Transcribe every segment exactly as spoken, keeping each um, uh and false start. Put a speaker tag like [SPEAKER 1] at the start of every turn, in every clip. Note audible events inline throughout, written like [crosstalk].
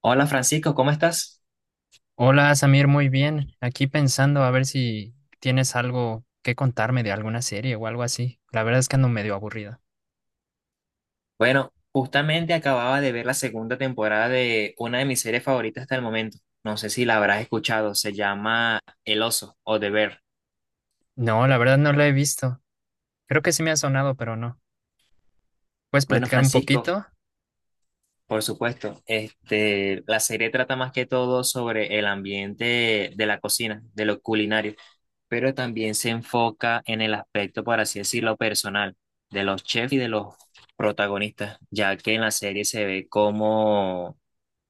[SPEAKER 1] Hola Francisco, ¿cómo estás?
[SPEAKER 2] Hola Samir, muy bien. Aquí pensando a ver si tienes algo que contarme de alguna serie o algo así. La verdad es que ando medio aburrido.
[SPEAKER 1] Bueno, justamente acababa de ver la segunda temporada de una de mis series favoritas hasta el momento. No sé si la habrás escuchado, se llama El Oso o The Bear.
[SPEAKER 2] No, la verdad no la he visto. Creo que sí me ha sonado, pero no. ¿Puedes
[SPEAKER 1] Bueno,
[SPEAKER 2] platicar un
[SPEAKER 1] Francisco,
[SPEAKER 2] poquito?
[SPEAKER 1] por supuesto, este, la serie trata más que todo sobre el ambiente de la cocina, de lo culinario, pero también se enfoca en el aspecto, por así decirlo, personal de los chefs y de los protagonistas, ya que en la serie se ve cómo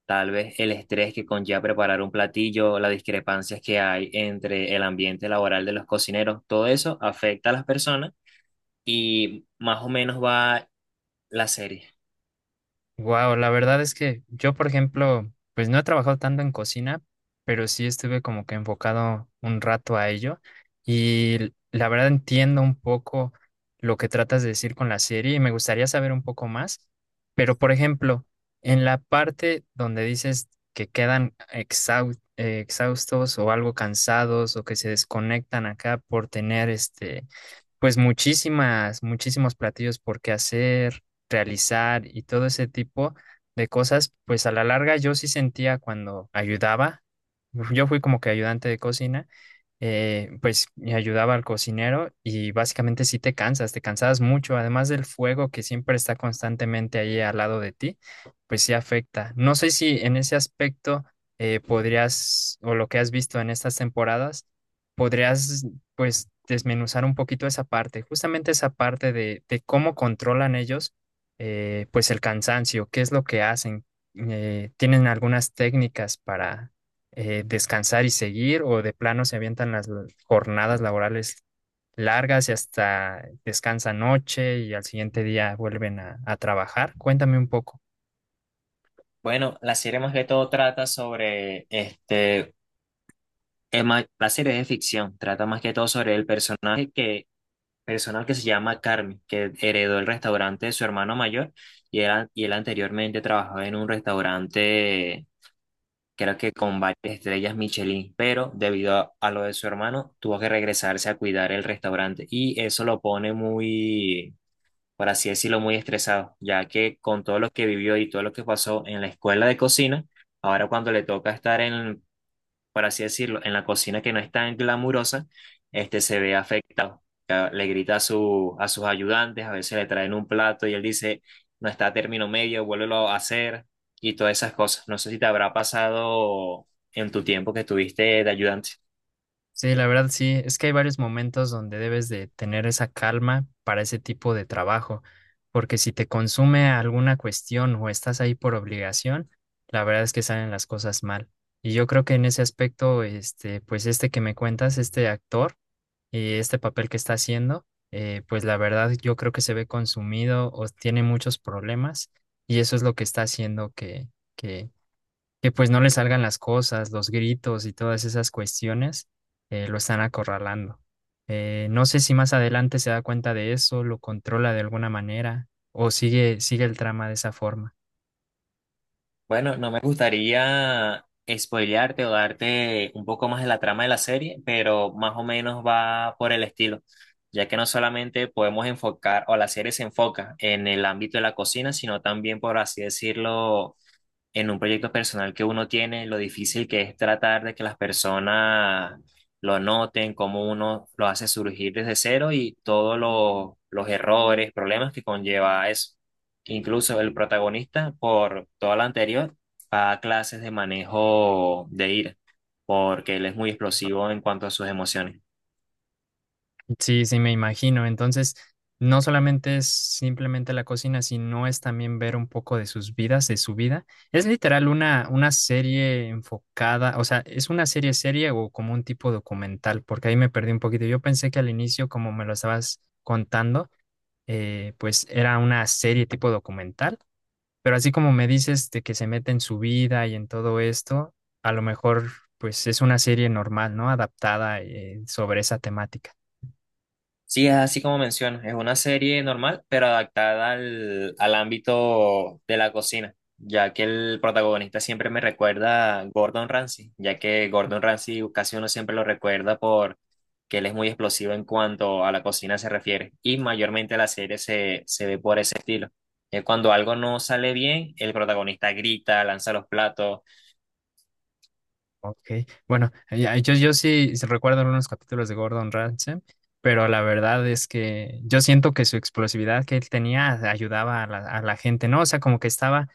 [SPEAKER 1] tal vez el estrés que conlleva preparar un platillo, las discrepancias que hay entre el ambiente laboral de los cocineros, todo eso afecta a las personas y más o menos va la serie.
[SPEAKER 2] Wow, la verdad es que yo, por ejemplo, pues no he trabajado tanto en cocina, pero sí estuve como que enfocado un rato a ello y l- la verdad entiendo un poco lo que tratas de decir con la serie y me gustaría saber un poco más, pero por ejemplo, en la parte donde dices que quedan exhau- eh, exhaustos o algo cansados o que se desconectan acá por tener este, pues muchísimas, muchísimos platillos por qué hacer realizar y todo ese tipo de cosas, pues a la larga yo sí sentía cuando ayudaba, yo fui como que ayudante de cocina, eh, pues me ayudaba al cocinero y básicamente sí te cansas, te cansabas mucho, además del fuego que siempre está constantemente ahí al lado de ti, pues sí afecta. No sé si en ese aspecto eh, podrías, o lo que has visto en estas temporadas, podrías pues desmenuzar un poquito esa parte, justamente esa parte de, de cómo controlan ellos, eh, pues el cansancio. ¿Qué es lo que hacen? Eh, ¿tienen algunas técnicas para eh, descansar y seguir, o de plano se avientan las l- jornadas laborales largas y hasta descansan noche y al siguiente día vuelven a, a trabajar? Cuéntame un poco.
[SPEAKER 1] Bueno, la serie más que todo trata sobre este, es más- la serie es de ficción, trata más que todo sobre el personaje que, personal que se llama Carmen, que heredó el restaurante de su hermano mayor y él, y él anteriormente trabajaba en un restaurante creo que con varias estrellas Michelin, pero debido a, a lo de su hermano, tuvo que regresarse a cuidar el restaurante y eso lo pone muy, por así decirlo, muy estresado, ya que con todo lo que vivió y todo lo que pasó en la escuela de cocina, ahora cuando le toca estar en, por así decirlo, en la cocina que no es tan glamurosa, este se ve afectado. Ca- Le grita a, su, a sus ayudantes. A veces le traen un plato y él dice, no está a término medio, vuélvelo a hacer y todas esas cosas. No sé si te habrá pasado en tu tiempo que estuviste de ayudante.
[SPEAKER 2] Sí, la verdad sí, es que hay varios momentos donde debes de tener esa calma para ese tipo de trabajo, porque si te consume alguna cuestión o estás ahí por obligación, la verdad es que salen las cosas mal. Y yo creo que en ese aspecto, este, pues este que me cuentas, este actor y este papel que está haciendo, eh, pues la verdad yo creo que se ve consumido o tiene muchos problemas y eso es lo que está haciendo que pues no le salgan las cosas, los gritos y todas esas cuestiones, eh, lo están acorralando. Eh, no sé si más adelante se da cuenta de eso, lo controla de alguna manera o sigue, sigue el trama de esa forma.
[SPEAKER 1] Bueno, no me gustaría spoilearte o darte un poco más de la trama de la serie, pero más o menos va por el estilo, ya que no solamente podemos enfocar, o la serie se enfoca en el ámbito de la cocina, sino también, por así decirlo, en un proyecto personal que uno tiene, lo difícil que es tratar de que las personas lo noten, cómo uno lo hace surgir desde cero y todos los, los errores, problemas que conlleva eso. Incluso el protagonista, por toda la anterior, va a clases de manejo de ira, porque él es muy explosivo en cuanto a sus emociones.
[SPEAKER 2] Sí, sí, me imagino. Entonces, no solamente es simplemente la cocina, sino es también ver un poco de sus vidas, de su vida. Es literal una, una serie enfocada, o sea, es una serie serie o como un tipo documental, porque ahí me perdí un poquito. Yo pensé que al inicio, como me lo estabas contando, eh, pues era una serie tipo documental, pero así como me dices de que se mete en su vida y en todo esto, a lo mejor pues es una serie normal, ¿no? Adaptada, eh, sobre esa temática.
[SPEAKER 1] Sí, es así como mencionas, es una serie normal, pero adaptada al, al ámbito de la cocina, ya que el protagonista siempre me recuerda a Gordon Ramsay, ya que Gordon Ramsay casi uno siempre lo recuerda por que él es muy explosivo en cuanto a la cocina se refiere, y mayormente la serie se, se ve por ese estilo. Es cuando algo no sale bien, el protagonista grita, lanza los platos.
[SPEAKER 2] Ok, bueno, ya, yo, yo sí recuerdo algunos capítulos de Gordon Ramsay, pero la verdad es que yo siento que su explosividad que él tenía ayudaba a la, a la gente, ¿no? O sea, como que estaba,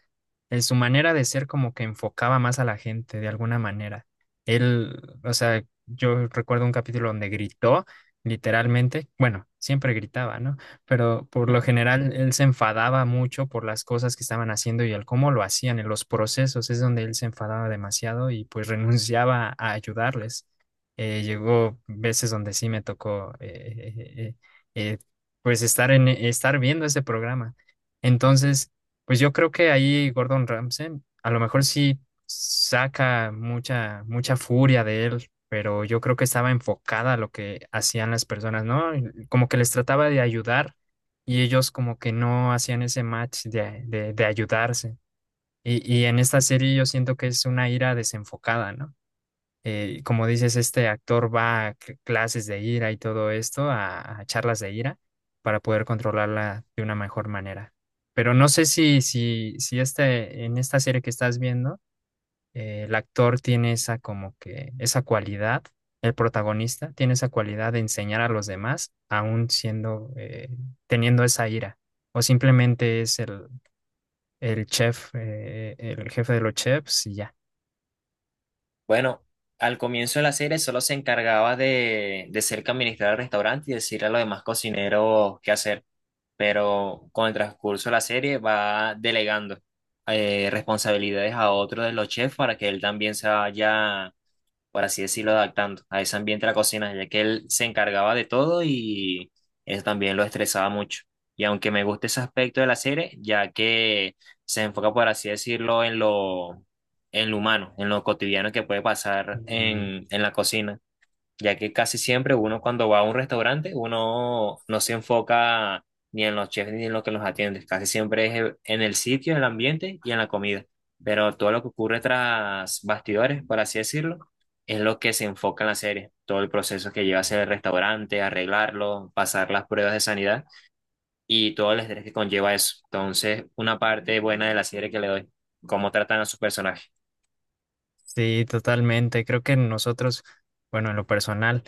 [SPEAKER 2] en su manera de ser como que enfocaba más a la gente de alguna manera. Él, o sea, yo recuerdo un capítulo donde gritó, literalmente, bueno, siempre gritaba, ¿no? Pero por lo
[SPEAKER 1] [laughs]
[SPEAKER 2] general él se enfadaba mucho por las cosas que estaban haciendo y el cómo lo hacían, en los procesos, es donde él se enfadaba demasiado y pues [laughs] renunciaba a ayudarles. Eh, llegó veces donde sí me tocó, eh, eh, eh, eh, pues estar en estar viendo ese programa. Entonces, pues yo creo que ahí Gordon Ramsay a lo mejor sí saca mucha mucha furia de él, pero yo creo que estaba enfocada a lo que hacían las personas, ¿no? Como que les trataba de ayudar y ellos como que no hacían ese match de, de, de ayudarse. Y, y en esta serie yo siento que es una ira desenfocada, ¿no? Eh, como dices, este actor va a cl- clases de ira y todo esto, a, a charlas de ira, para poder controlarla de una mejor manera. Pero no sé si, si, si este, en esta serie que estás viendo, eh, el actor tiene esa como que esa cualidad, el protagonista tiene esa cualidad de enseñar a los demás, aún siendo, eh, teniendo esa ira, o simplemente es el, el chef, eh, el jefe de los chefs y ya.
[SPEAKER 1] Bueno, al comienzo de la serie solo se encargaba de, de ser que administrar el restaurante y decirle a los demás cocineros qué hacer, pero con el transcurso de la serie va delegando eh, responsabilidades a otro de los chefs para que él también se vaya, por así decirlo, adaptando a ese ambiente de la cocina, ya que él se encargaba de todo y eso también lo estresaba mucho. Y aunque me gusta ese aspecto de la serie, ya que se enfoca, por así decirlo, en lo, en lo humano, en lo cotidiano que puede pasar
[SPEAKER 2] Mm,
[SPEAKER 1] en, en la cocina, ya que casi siempre uno cuando va a un restaurante, uno no se enfoca ni en los chefs ni en lo que los atiende, casi siempre es e, en el sitio, en el ambiente y en la comida, pero todo lo que ocurre tras bastidores, por así decirlo, es lo que se enfoca en la serie, todo el proceso que lleva hacia el restaurante, arreglarlo, pasar las pruebas de sanidad y todo el estrés que conlleva eso. Entonces, una parte buena de la serie que le doy, cómo tratan a sus personajes.
[SPEAKER 2] sí, totalmente. Creo que nosotros, bueno, en lo personal,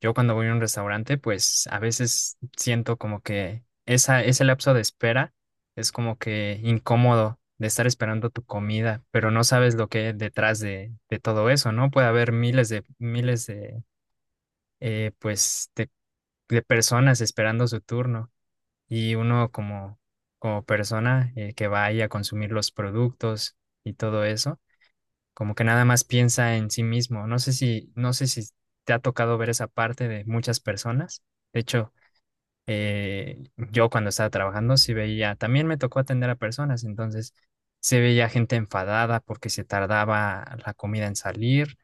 [SPEAKER 2] yo cuando voy a un restaurante, pues a veces siento como que esa, ese lapso de espera es como que incómodo de estar esperando tu comida, pero no sabes lo que hay detrás de, de todo eso, ¿no? Puede haber miles de, miles de, eh, pues, de, de personas esperando su turno y uno como, como persona, eh, que vaya a consumir los productos y todo eso, como que nada más piensa en sí mismo. No sé si, no sé si te ha tocado ver esa parte de muchas personas. De hecho, eh, yo cuando estaba trabajando sí veía, también me tocó atender a personas, entonces se veía gente enfadada porque se tardaba la comida en salir,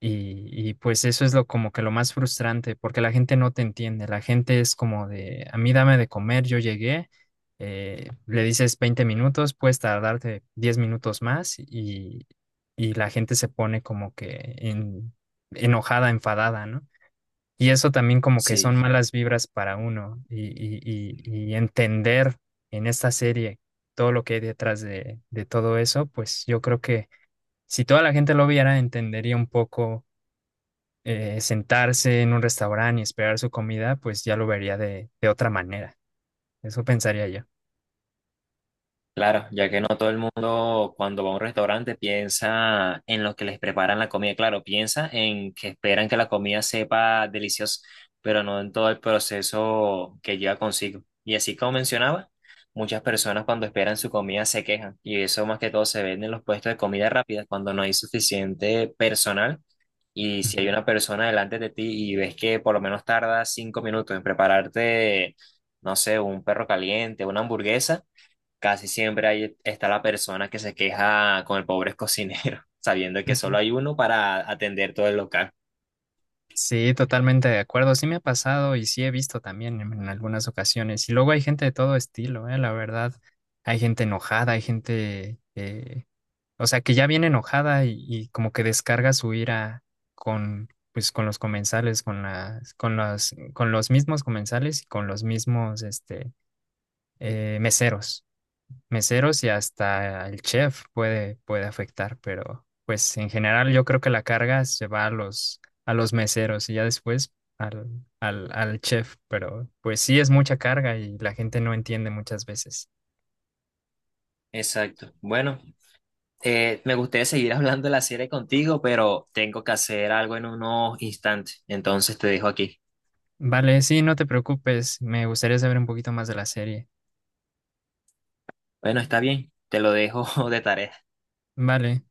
[SPEAKER 2] y, y pues eso es lo como que lo más frustrante, porque la gente no te entiende, la gente es como de, a mí dame de comer, yo llegué, eh, le dices veinte minutos, puedes tardarte diez minutos más, y, y la gente se pone como que en- enojada, enfadada, ¿no? Y eso también como que son
[SPEAKER 1] Sí.
[SPEAKER 2] malas vibras para uno, y, y, y, y entender en esta serie todo lo que hay detrás de, de todo eso, pues yo creo que si toda la gente lo viera, entendería un poco, eh, sentarse en un restaurante y esperar su comida, pues ya lo vería de, de otra manera. Eso pensaría yo.
[SPEAKER 1] Claro, ya que no todo el mundo cuando va a un restaurante piensa en lo que les preparan la comida, claro, piensa en que esperan que la comida sepa deliciosa, pero no en todo el proceso que lleva consigo. Y así como mencionaba, muchas personas cuando esperan su comida se quejan y eso más que todo se ve en los puestos de comida rápida cuando no hay suficiente personal y si hay
[SPEAKER 2] Ujú.
[SPEAKER 1] una persona delante de ti y ves que por lo menos tarda cinco minutos en prepararte, no sé, un perro caliente, una hamburguesa. Casi siempre ahí está la persona que se queja con el pobre cocinero, [laughs] sabiendo que solo
[SPEAKER 2] Ujú.
[SPEAKER 1] hay uno para atender todo el local.
[SPEAKER 2] Sí, totalmente de acuerdo. Sí me ha pasado y sí he visto también en, en algunas ocasiones. Y luego hay gente de todo estilo, eh, la verdad. Hay gente enojada, hay gente, eh, o sea, que ya viene enojada y, y como que descarga su ira con, pues, con los comensales, con las, con las, con los mismos comensales y con los mismos, este, eh, meseros. meseros y hasta el chef puede, puede afectar, pero pues en general yo creo que la carga se va a los, a los meseros y ya después al, al, al chef, pero pues sí es mucha carga y la gente no entiende muchas veces.
[SPEAKER 1] Exacto. Bueno, eh, me gustaría seguir [laughs] hablando de la serie contigo, pero tengo que hacer algo en unos instantes. Entonces te dejo aquí.
[SPEAKER 2] Vale, sí, no te preocupes, me gustaría saber un poquito más de la serie.
[SPEAKER 1] Bueno, está bien, te lo dejo [laughs] de tarea.
[SPEAKER 2] Vale.